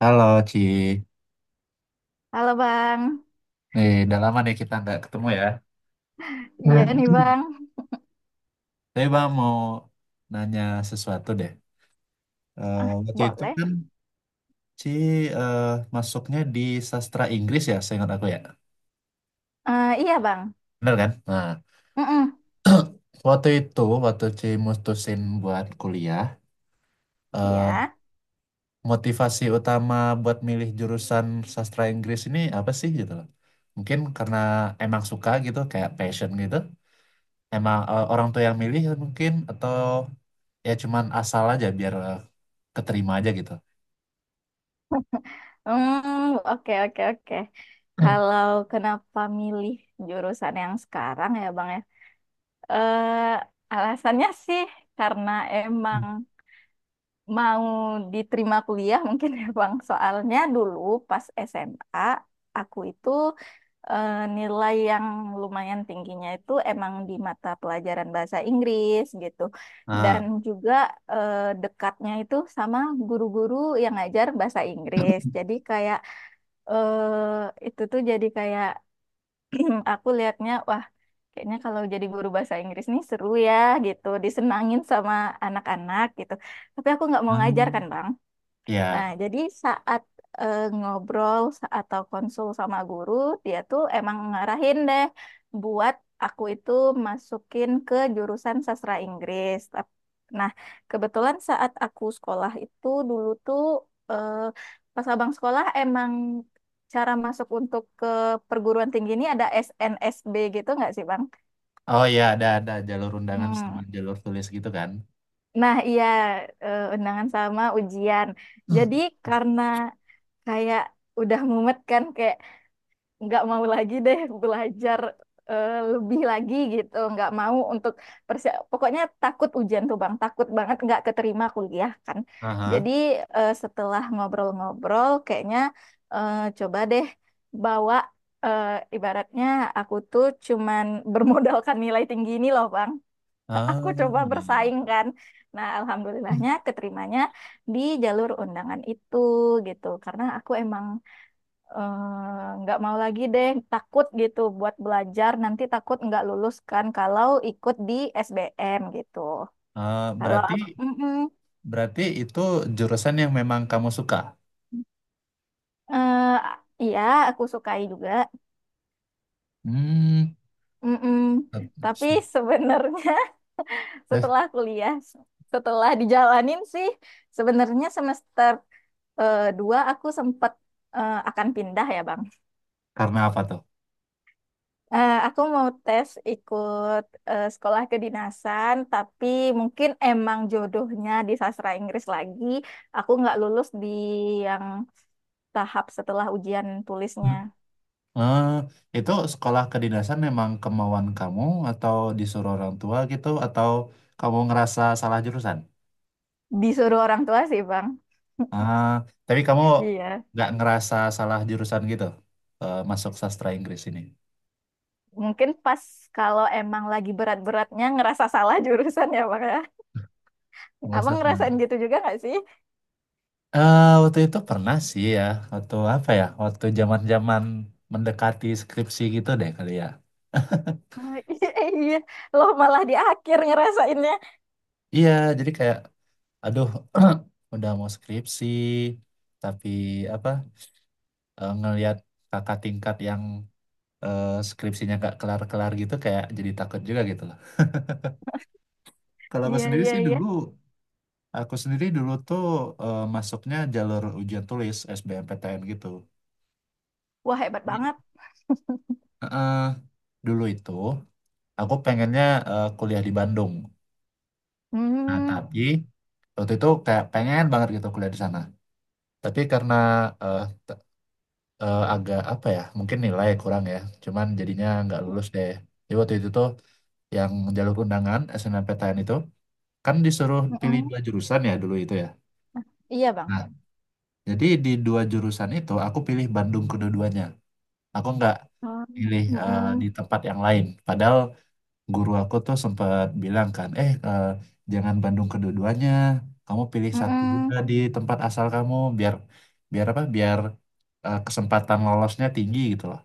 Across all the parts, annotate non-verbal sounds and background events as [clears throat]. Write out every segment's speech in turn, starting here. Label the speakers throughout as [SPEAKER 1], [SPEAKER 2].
[SPEAKER 1] Halo Ci,
[SPEAKER 2] Halo Bang,
[SPEAKER 1] nih udah lama nih kita nggak ketemu ya.
[SPEAKER 2] iya nih
[SPEAKER 1] Hmm.
[SPEAKER 2] Bang,
[SPEAKER 1] Tapi Bang mau nanya sesuatu deh. Eh,
[SPEAKER 2] Ah,
[SPEAKER 1] Waktu itu
[SPEAKER 2] boleh?
[SPEAKER 1] kan Ci eh, masuknya di sastra Inggris ya, seingat aku ya.
[SPEAKER 2] Iya Bang,
[SPEAKER 1] Bener kan? Nah,
[SPEAKER 2] Mm-mm.
[SPEAKER 1] waktu itu waktu Ci mutusin buat kuliah, eh,
[SPEAKER 2] ya,
[SPEAKER 1] motivasi utama buat milih jurusan sastra Inggris ini apa sih gitu loh? Mungkin karena emang suka gitu, kayak passion gitu. Emang orang tua yang milih mungkin atau ya cuman asal aja biar keterima aja gitu.
[SPEAKER 2] Oke oke oke. Kalau kenapa milih jurusan yang sekarang ya Bang ya? Eh, alasannya sih karena emang mau diterima kuliah mungkin ya Bang. Soalnya dulu pas SMA aku itu nilai yang lumayan tingginya itu emang di mata pelajaran bahasa Inggris gitu. Dan
[SPEAKER 1] Nah,
[SPEAKER 2] juga eh, dekatnya itu sama guru-guru yang ngajar bahasa Inggris. Jadi kayak itu tuh jadi kayak [clears throat] aku lihatnya wah. Kayaknya kalau jadi guru bahasa Inggris nih seru ya gitu, disenangin sama anak-anak gitu. Tapi aku nggak mau ngajar
[SPEAKER 1] hmm,
[SPEAKER 2] kan, Bang. Nah,
[SPEAKER 1] ya.
[SPEAKER 2] jadi saat atau konsul sama guru, dia tuh emang ngarahin deh buat aku itu masukin ke jurusan sastra Inggris. Nah, kebetulan saat aku sekolah itu dulu tuh eh, pas abang sekolah emang cara masuk untuk ke perguruan tinggi ini ada SNSB gitu nggak sih, Bang?
[SPEAKER 1] Oh ya, ada jalur undangan
[SPEAKER 2] Hmm.
[SPEAKER 1] sama jalur tulis gitu kan.
[SPEAKER 2] Nah, iya undangan sama ujian. Jadi karena kayak udah mumet kan kayak nggak mau lagi deh belajar lebih lagi gitu nggak mau untuk pokoknya takut ujian tuh bang takut banget nggak keterima kuliah kan
[SPEAKER 1] Aha.
[SPEAKER 2] jadi setelah ngobrol-ngobrol kayaknya coba deh bawa eh, ibaratnya aku tuh cuman [laughs] bermodalkan nilai tinggi ini loh bang, aku coba
[SPEAKER 1] Ah, iya iya.
[SPEAKER 2] bersaing kan, nah alhamdulillahnya keterimanya di jalur undangan itu gitu karena aku emang nggak mau lagi deh takut gitu buat belajar nanti takut nggak lulus kan kalau ikut di SBM gitu
[SPEAKER 1] Ah,
[SPEAKER 2] kalau
[SPEAKER 1] berarti
[SPEAKER 2] aku. Mm-mm.
[SPEAKER 1] berarti itu jurusan yang memang kamu suka.
[SPEAKER 2] Eh, iya aku sukai juga.
[SPEAKER 1] Hmm.
[SPEAKER 2] Mm-mm.
[SPEAKER 1] eh,
[SPEAKER 2] Tapi sebenarnya [laughs]
[SPEAKER 1] Terus
[SPEAKER 2] setelah kuliah setelah dijalanin sih sebenarnya semester dua aku sempat akan pindah ya Bang.
[SPEAKER 1] karena apa tuh?
[SPEAKER 2] Eh, aku mau tes ikut sekolah kedinasan, tapi mungkin emang jodohnya di sastra Inggris lagi. Aku nggak lulus di yang tahap setelah ujian tulisnya.
[SPEAKER 1] Ah, itu sekolah kedinasan memang kemauan kamu atau disuruh orang tua gitu atau kamu ngerasa salah jurusan?
[SPEAKER 2] Disuruh orang tua sih, Bang.
[SPEAKER 1] Ah, tapi kamu
[SPEAKER 2] Iya.
[SPEAKER 1] nggak ngerasa salah jurusan gitu masuk sastra Inggris ini?
[SPEAKER 2] Mungkin pas kalau emang lagi berat-beratnya ngerasa salah jurusan ya, Bang ya.
[SPEAKER 1] Nggak
[SPEAKER 2] Abang
[SPEAKER 1] salah.
[SPEAKER 2] ngerasain gitu juga nggak sih?
[SPEAKER 1] Waktu itu pernah sih ya, waktu apa ya? Waktu zaman-zaman mendekati skripsi gitu deh kali ya. [laughs]
[SPEAKER 2] Oh, [laughs] iya, iya. Loh malah di akhir ngerasainnya.
[SPEAKER 1] Iya, jadi kayak, aduh, [clears throat] udah mau skripsi, tapi apa? Ngelihat kakak tingkat yang skripsinya gak kelar-kelar gitu, kayak jadi takut juga gitu loh. Kalau aku
[SPEAKER 2] Iya,
[SPEAKER 1] sendiri
[SPEAKER 2] iya,
[SPEAKER 1] sih
[SPEAKER 2] iya.
[SPEAKER 1] dulu Aku sendiri dulu tuh masuknya jalur ujian tulis SBMPTN gitu.
[SPEAKER 2] Wah, hebat banget.
[SPEAKER 1] Heeh, dulu itu aku pengennya kuliah di Bandung. Nah,
[SPEAKER 2] Hmm.
[SPEAKER 1] tapi waktu itu kayak pengen banget gitu kuliah di sana. Tapi karena eh, t- agak apa ya, mungkin nilai kurang ya. Cuman jadinya nggak lulus deh. Jadi waktu itu tuh yang jalur undangan SNMPTN itu kan disuruh pilih
[SPEAKER 2] Mm-mm.
[SPEAKER 1] dua jurusan ya dulu itu ya.
[SPEAKER 2] Iya, Bang.
[SPEAKER 1] Nah, jadi di dua jurusan itu aku pilih Bandung kedua-duanya. Aku nggak
[SPEAKER 2] Oh,
[SPEAKER 1] pilih di
[SPEAKER 2] mm-mm,
[SPEAKER 1] tempat yang lain. Padahal guru aku tuh sempat bilang kan, jangan Bandung kedua-duanya, kamu pilih satu juga
[SPEAKER 2] mm-mm.
[SPEAKER 1] di tempat asal kamu biar biar apa? Biar kesempatan lolosnya tinggi gitu loh.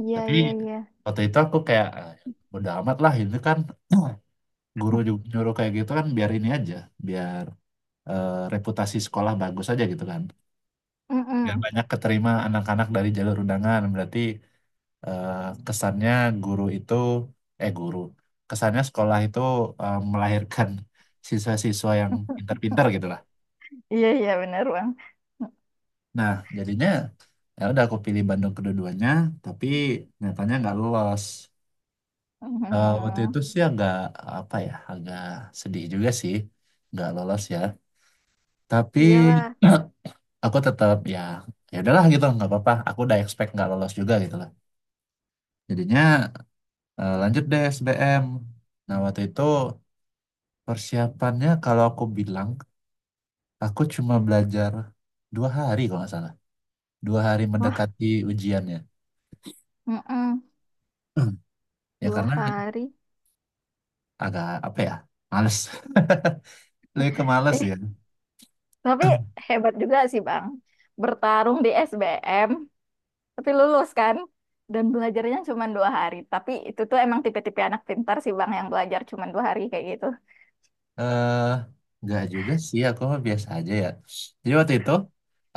[SPEAKER 2] Iya,
[SPEAKER 1] Tapi
[SPEAKER 2] iya, iya.
[SPEAKER 1] waktu itu aku kayak "Ah, bodo amat lah ini kan [clears throat] guru ju- nyuruh kayak gitu kan biar ini aja, biar reputasi sekolah bagus aja gitu kan. Biar
[SPEAKER 2] Mm-mm.
[SPEAKER 1] banyak keterima anak-anak dari jalur undangan berarti eh, kesannya guru itu eh guru kesannya sekolah itu melahirkan [laughs] siswa-siswa yang pintar-pintar gitu lah.
[SPEAKER 2] Iya, iya, benar, Bang.
[SPEAKER 1] Nah jadinya ya udah aku pilih Bandung kedua-duanya tapi nyatanya nggak lolos. Eh, waktu
[SPEAKER 2] Mm-mm.
[SPEAKER 1] itu sih agak apa ya agak sedih juga sih nggak lolos ya. Tapi
[SPEAKER 2] Iyalah.
[SPEAKER 1] [clears throat] aku tetap ya ya udahlah gitu nggak apa-apa. Aku udah expect nggak lolos juga gitu lah. Jadinya lanjut deh SBM. Nah waktu itu Persiapannya kalau aku bilang, aku cuma belajar dua hari kalau nggak salah. Dua hari
[SPEAKER 2] Wah,
[SPEAKER 1] mendekati ujiannya.
[SPEAKER 2] mm-mm.
[SPEAKER 1] Hmm. Ya
[SPEAKER 2] Dua
[SPEAKER 1] karena
[SPEAKER 2] hari.
[SPEAKER 1] agak apa ya, males. [laughs] Lebih ke males
[SPEAKER 2] Eh,
[SPEAKER 1] ya.
[SPEAKER 2] tapi
[SPEAKER 1] [clears throat]
[SPEAKER 2] hebat juga sih, Bang. Bertarung di SBM, tapi lulus kan? Dan belajarnya cuma dua hari. Tapi itu tuh emang tipe-tipe anak pintar sih, Bang, yang belajar cuma dua hari kayak gitu.
[SPEAKER 1] eh nggak juga sih, aku mah biasa aja ya. Jadi waktu itu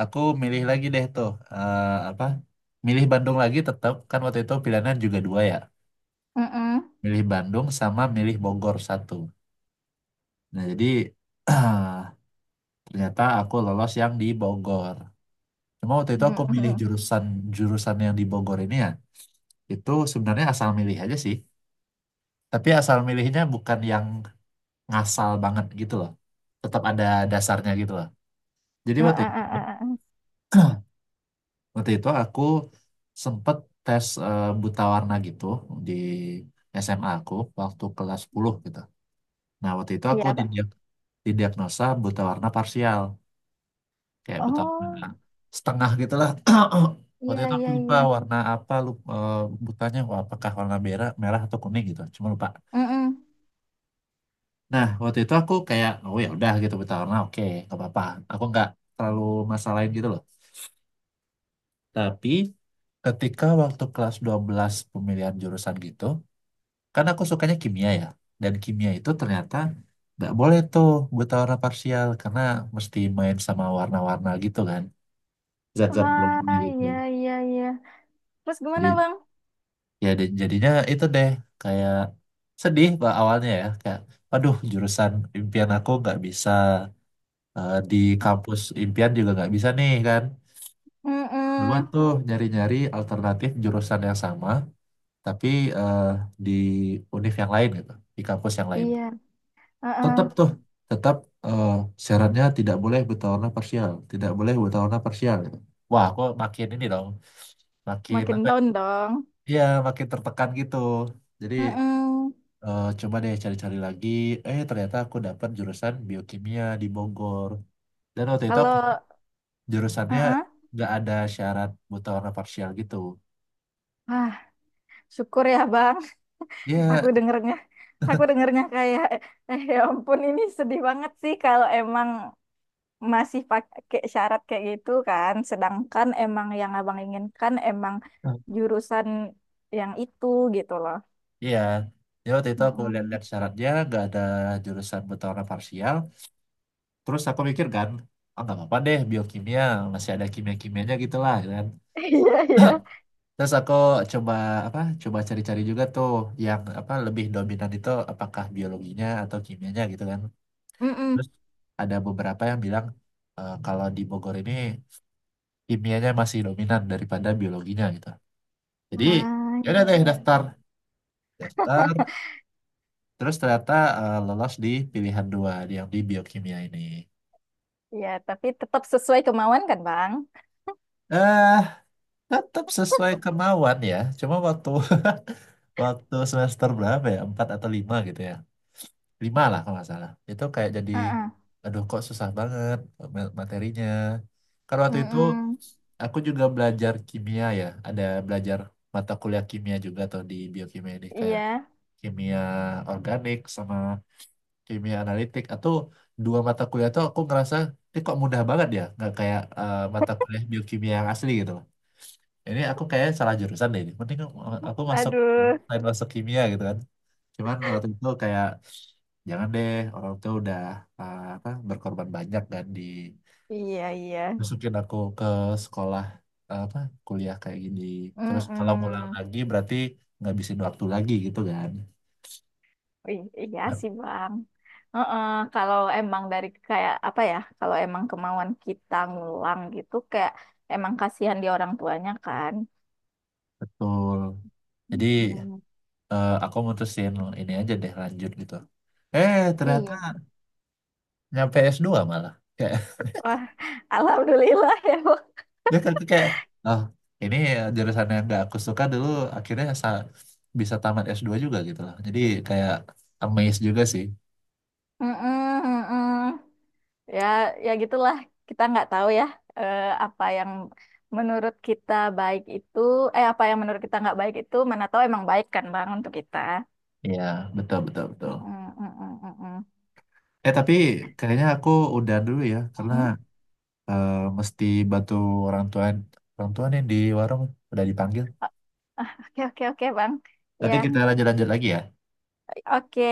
[SPEAKER 1] aku milih lagi deh tuh apa? Milih Bandung lagi tetap kan waktu itu pilihannya juga dua ya.
[SPEAKER 2] Mm-mm.
[SPEAKER 1] Milih Bandung sama milih Bogor satu. Nah jadi [clears throat] ternyata aku lolos yang di Bogor. Cuma waktu itu aku milih
[SPEAKER 2] Mm-mm.
[SPEAKER 1] jurusan jurusan yang di Bogor ini ya. Itu sebenarnya asal milih aja sih. Tapi asal milihnya bukan yang ngasal banget gitu loh. Tetap ada dasarnya gitu loh. Jadi
[SPEAKER 2] Eh,
[SPEAKER 1] waktu
[SPEAKER 2] eh,
[SPEAKER 1] itu,
[SPEAKER 2] eh, eh, eh.
[SPEAKER 1] waktu itu aku sempet tes buta warna gitu di SMA aku waktu kelas 10 gitu. Nah waktu itu aku
[SPEAKER 2] Iya, Pak.
[SPEAKER 1] didiagnosa buta warna parsial. Kayak Butama
[SPEAKER 2] Oh,
[SPEAKER 1] setengah gitulah. [clears throat] Waktu
[SPEAKER 2] iya,
[SPEAKER 1] itu aku
[SPEAKER 2] iya,
[SPEAKER 1] lupa
[SPEAKER 2] iya.
[SPEAKER 1] warna apa lupa, butanya wah, apakah warna merah merah atau kuning gitu cuma lupa.
[SPEAKER 2] Mm-mm.
[SPEAKER 1] Nah waktu itu aku kayak oh ya udah gitu buta warna oke nggak apa-apa, aku nggak terlalu masalahin gitu loh. Tapi ketika waktu kelas 12 pemilihan jurusan gitu kan aku sukanya kimia ya, dan kimia itu ternyata nggak boleh tuh buta warna parsial karena mesti main sama warna-warna gitu kan, zat-zat belum
[SPEAKER 2] Ah,
[SPEAKER 1] gitu.
[SPEAKER 2] iya, iya, iya. Terus gimana,
[SPEAKER 1] Jadi
[SPEAKER 2] Bang?
[SPEAKER 1] ya di- jadinya itu deh kayak sedih pak awalnya ya, kayak aduh jurusan impian aku nggak bisa, di kampus impian juga nggak bisa nih kan. Coba
[SPEAKER 2] Mm-mm.
[SPEAKER 1] tuh nyari-nyari alternatif jurusan yang sama tapi eh, di univ yang lain gitu, di kampus yang lain
[SPEAKER 2] Iya,
[SPEAKER 1] tetap
[SPEAKER 2] uh.
[SPEAKER 1] tuh tetap eh, syaratnya tidak boleh bertaruna parsial gitu. Wah aku makin ini dong makin
[SPEAKER 2] Makin
[SPEAKER 1] apa ya.
[SPEAKER 2] down dong.
[SPEAKER 1] Iya, makin tertekan gitu. Jadi,
[SPEAKER 2] Mm-mm.
[SPEAKER 1] eh, coba deh cari-cari lagi. Eh, ternyata aku dapat jurusan biokimia di Bogor. Dan waktu itu aku
[SPEAKER 2] Kalau,
[SPEAKER 1] jurusannya
[SPEAKER 2] uh.
[SPEAKER 1] nggak ada syarat buta warna parsial gitu.
[SPEAKER 2] Ah, syukur ya, Bang. Aku
[SPEAKER 1] Iya,
[SPEAKER 2] dengernya, aku dengernya kayak, eh ya ampun, ini sedih banget sih kalau emang masih pakai syarat kayak gitu kan. Sedangkan emang yang Abang inginkan emang jurusan yang itu gitu loh.
[SPEAKER 1] iya. Ya waktu itu aku
[SPEAKER 2] Mm-mm.
[SPEAKER 1] lihat-lihat syaratnya nggak ada jurusan buta warna parsial. Terus aku mikir kan, ah nggak apa-apa deh biokimia masih ada kimia-kimianya gitu lah kan.
[SPEAKER 2] [laughs] Iya, iya.
[SPEAKER 1] Terus aku coba apa? Coba cari-cari juga tuh yang apa lebih dominan itu apakah biologinya atau kimianya gitu kan. Terus
[SPEAKER 2] Mm-mm.
[SPEAKER 1] ada beberapa yang bilang kalau di Bogor ini kimianya masih dominan daripada biologinya gitu. Jadi
[SPEAKER 2] Ah,
[SPEAKER 1] ya udah
[SPEAKER 2] iya,
[SPEAKER 1] deh
[SPEAKER 2] iya.
[SPEAKER 1] daftar, daftar.
[SPEAKER 2] [laughs]
[SPEAKER 1] Terus ternyata lolos di pilihan dua yang di biokimia ini.
[SPEAKER 2] Iya, tapi tetap sesuai kemauan kan, Bang?
[SPEAKER 1] Eh, tetap sesuai kemauan ya. Cuma waktu [laughs] waktu semester berapa ya? Empat atau lima gitu ya. Lima lah kalau nggak salah itu kayak jadi
[SPEAKER 2] Heeh.
[SPEAKER 1] aduh kok susah banget ma- materinya karena waktu itu
[SPEAKER 2] Mm-mm.
[SPEAKER 1] aku juga belajar kimia ya, ada belajar mata kuliah kimia juga tuh di biokimia ini kayak
[SPEAKER 2] Iya.
[SPEAKER 1] kimia organik sama kimia analitik. Atau dua mata kuliah tuh aku ngerasa ini kok mudah banget ya, nggak kayak mata kuliah biokimia yang asli gitu loh. Ini aku kayak salah jurusan deh, ini mending aku masuk
[SPEAKER 2] Aduh.
[SPEAKER 1] lain, masuk kimia gitu kan. Cuman waktu itu kayak jangan deh, orang tuh udah apa berkorban banyak kan di
[SPEAKER 2] Iya, iya.
[SPEAKER 1] masukin aku ke sekolah apa kuliah kayak gini. Terus kalau ngulang
[SPEAKER 2] Mm-mm.
[SPEAKER 1] lagi berarti ngabisin waktu lagi gitu kan.
[SPEAKER 2] Ih, iya
[SPEAKER 1] Nah,
[SPEAKER 2] sih, Bang. Heeh, kalau emang dari kayak apa ya? Kalau emang kemauan kita ngulang gitu, kayak emang kasihan di orang tuanya kan?
[SPEAKER 1] betul. Jadi
[SPEAKER 2] Mm-mm.
[SPEAKER 1] aku mutusin ini aja deh lanjut gitu. Eh ternyata
[SPEAKER 2] Iya.
[SPEAKER 1] nyampe s dua malah.
[SPEAKER 2] Wah, [laughs] alhamdulillah ya, bu.
[SPEAKER 1] Dia kan kayak oh ini jurusan yang gak aku suka dulu akhirnya sa- bisa tamat s dua juga gitu loh. Jadi kayak amazed juga sih.
[SPEAKER 2] Mm-mm, mm-mm. Ya, ya gitulah. Kita nggak tahu ya eh, apa yang menurut kita baik itu, eh apa yang menurut kita nggak baik itu, mana tahu emang baik kan Bang untuk kita.
[SPEAKER 1] Iya, betul betul betul.
[SPEAKER 2] Mm-mm, mm-mm, mm-mm.
[SPEAKER 1] Eh tapi kayaknya aku udah dulu ya karena
[SPEAKER 2] Mm-mm.
[SPEAKER 1] eh, mesti bantu orang tua orang tua nih di warung udah dipanggil,
[SPEAKER 2] Oke, oke, oke Bang. Ya,
[SPEAKER 1] nanti kita lanjut-lanjut lagi ya
[SPEAKER 2] oke.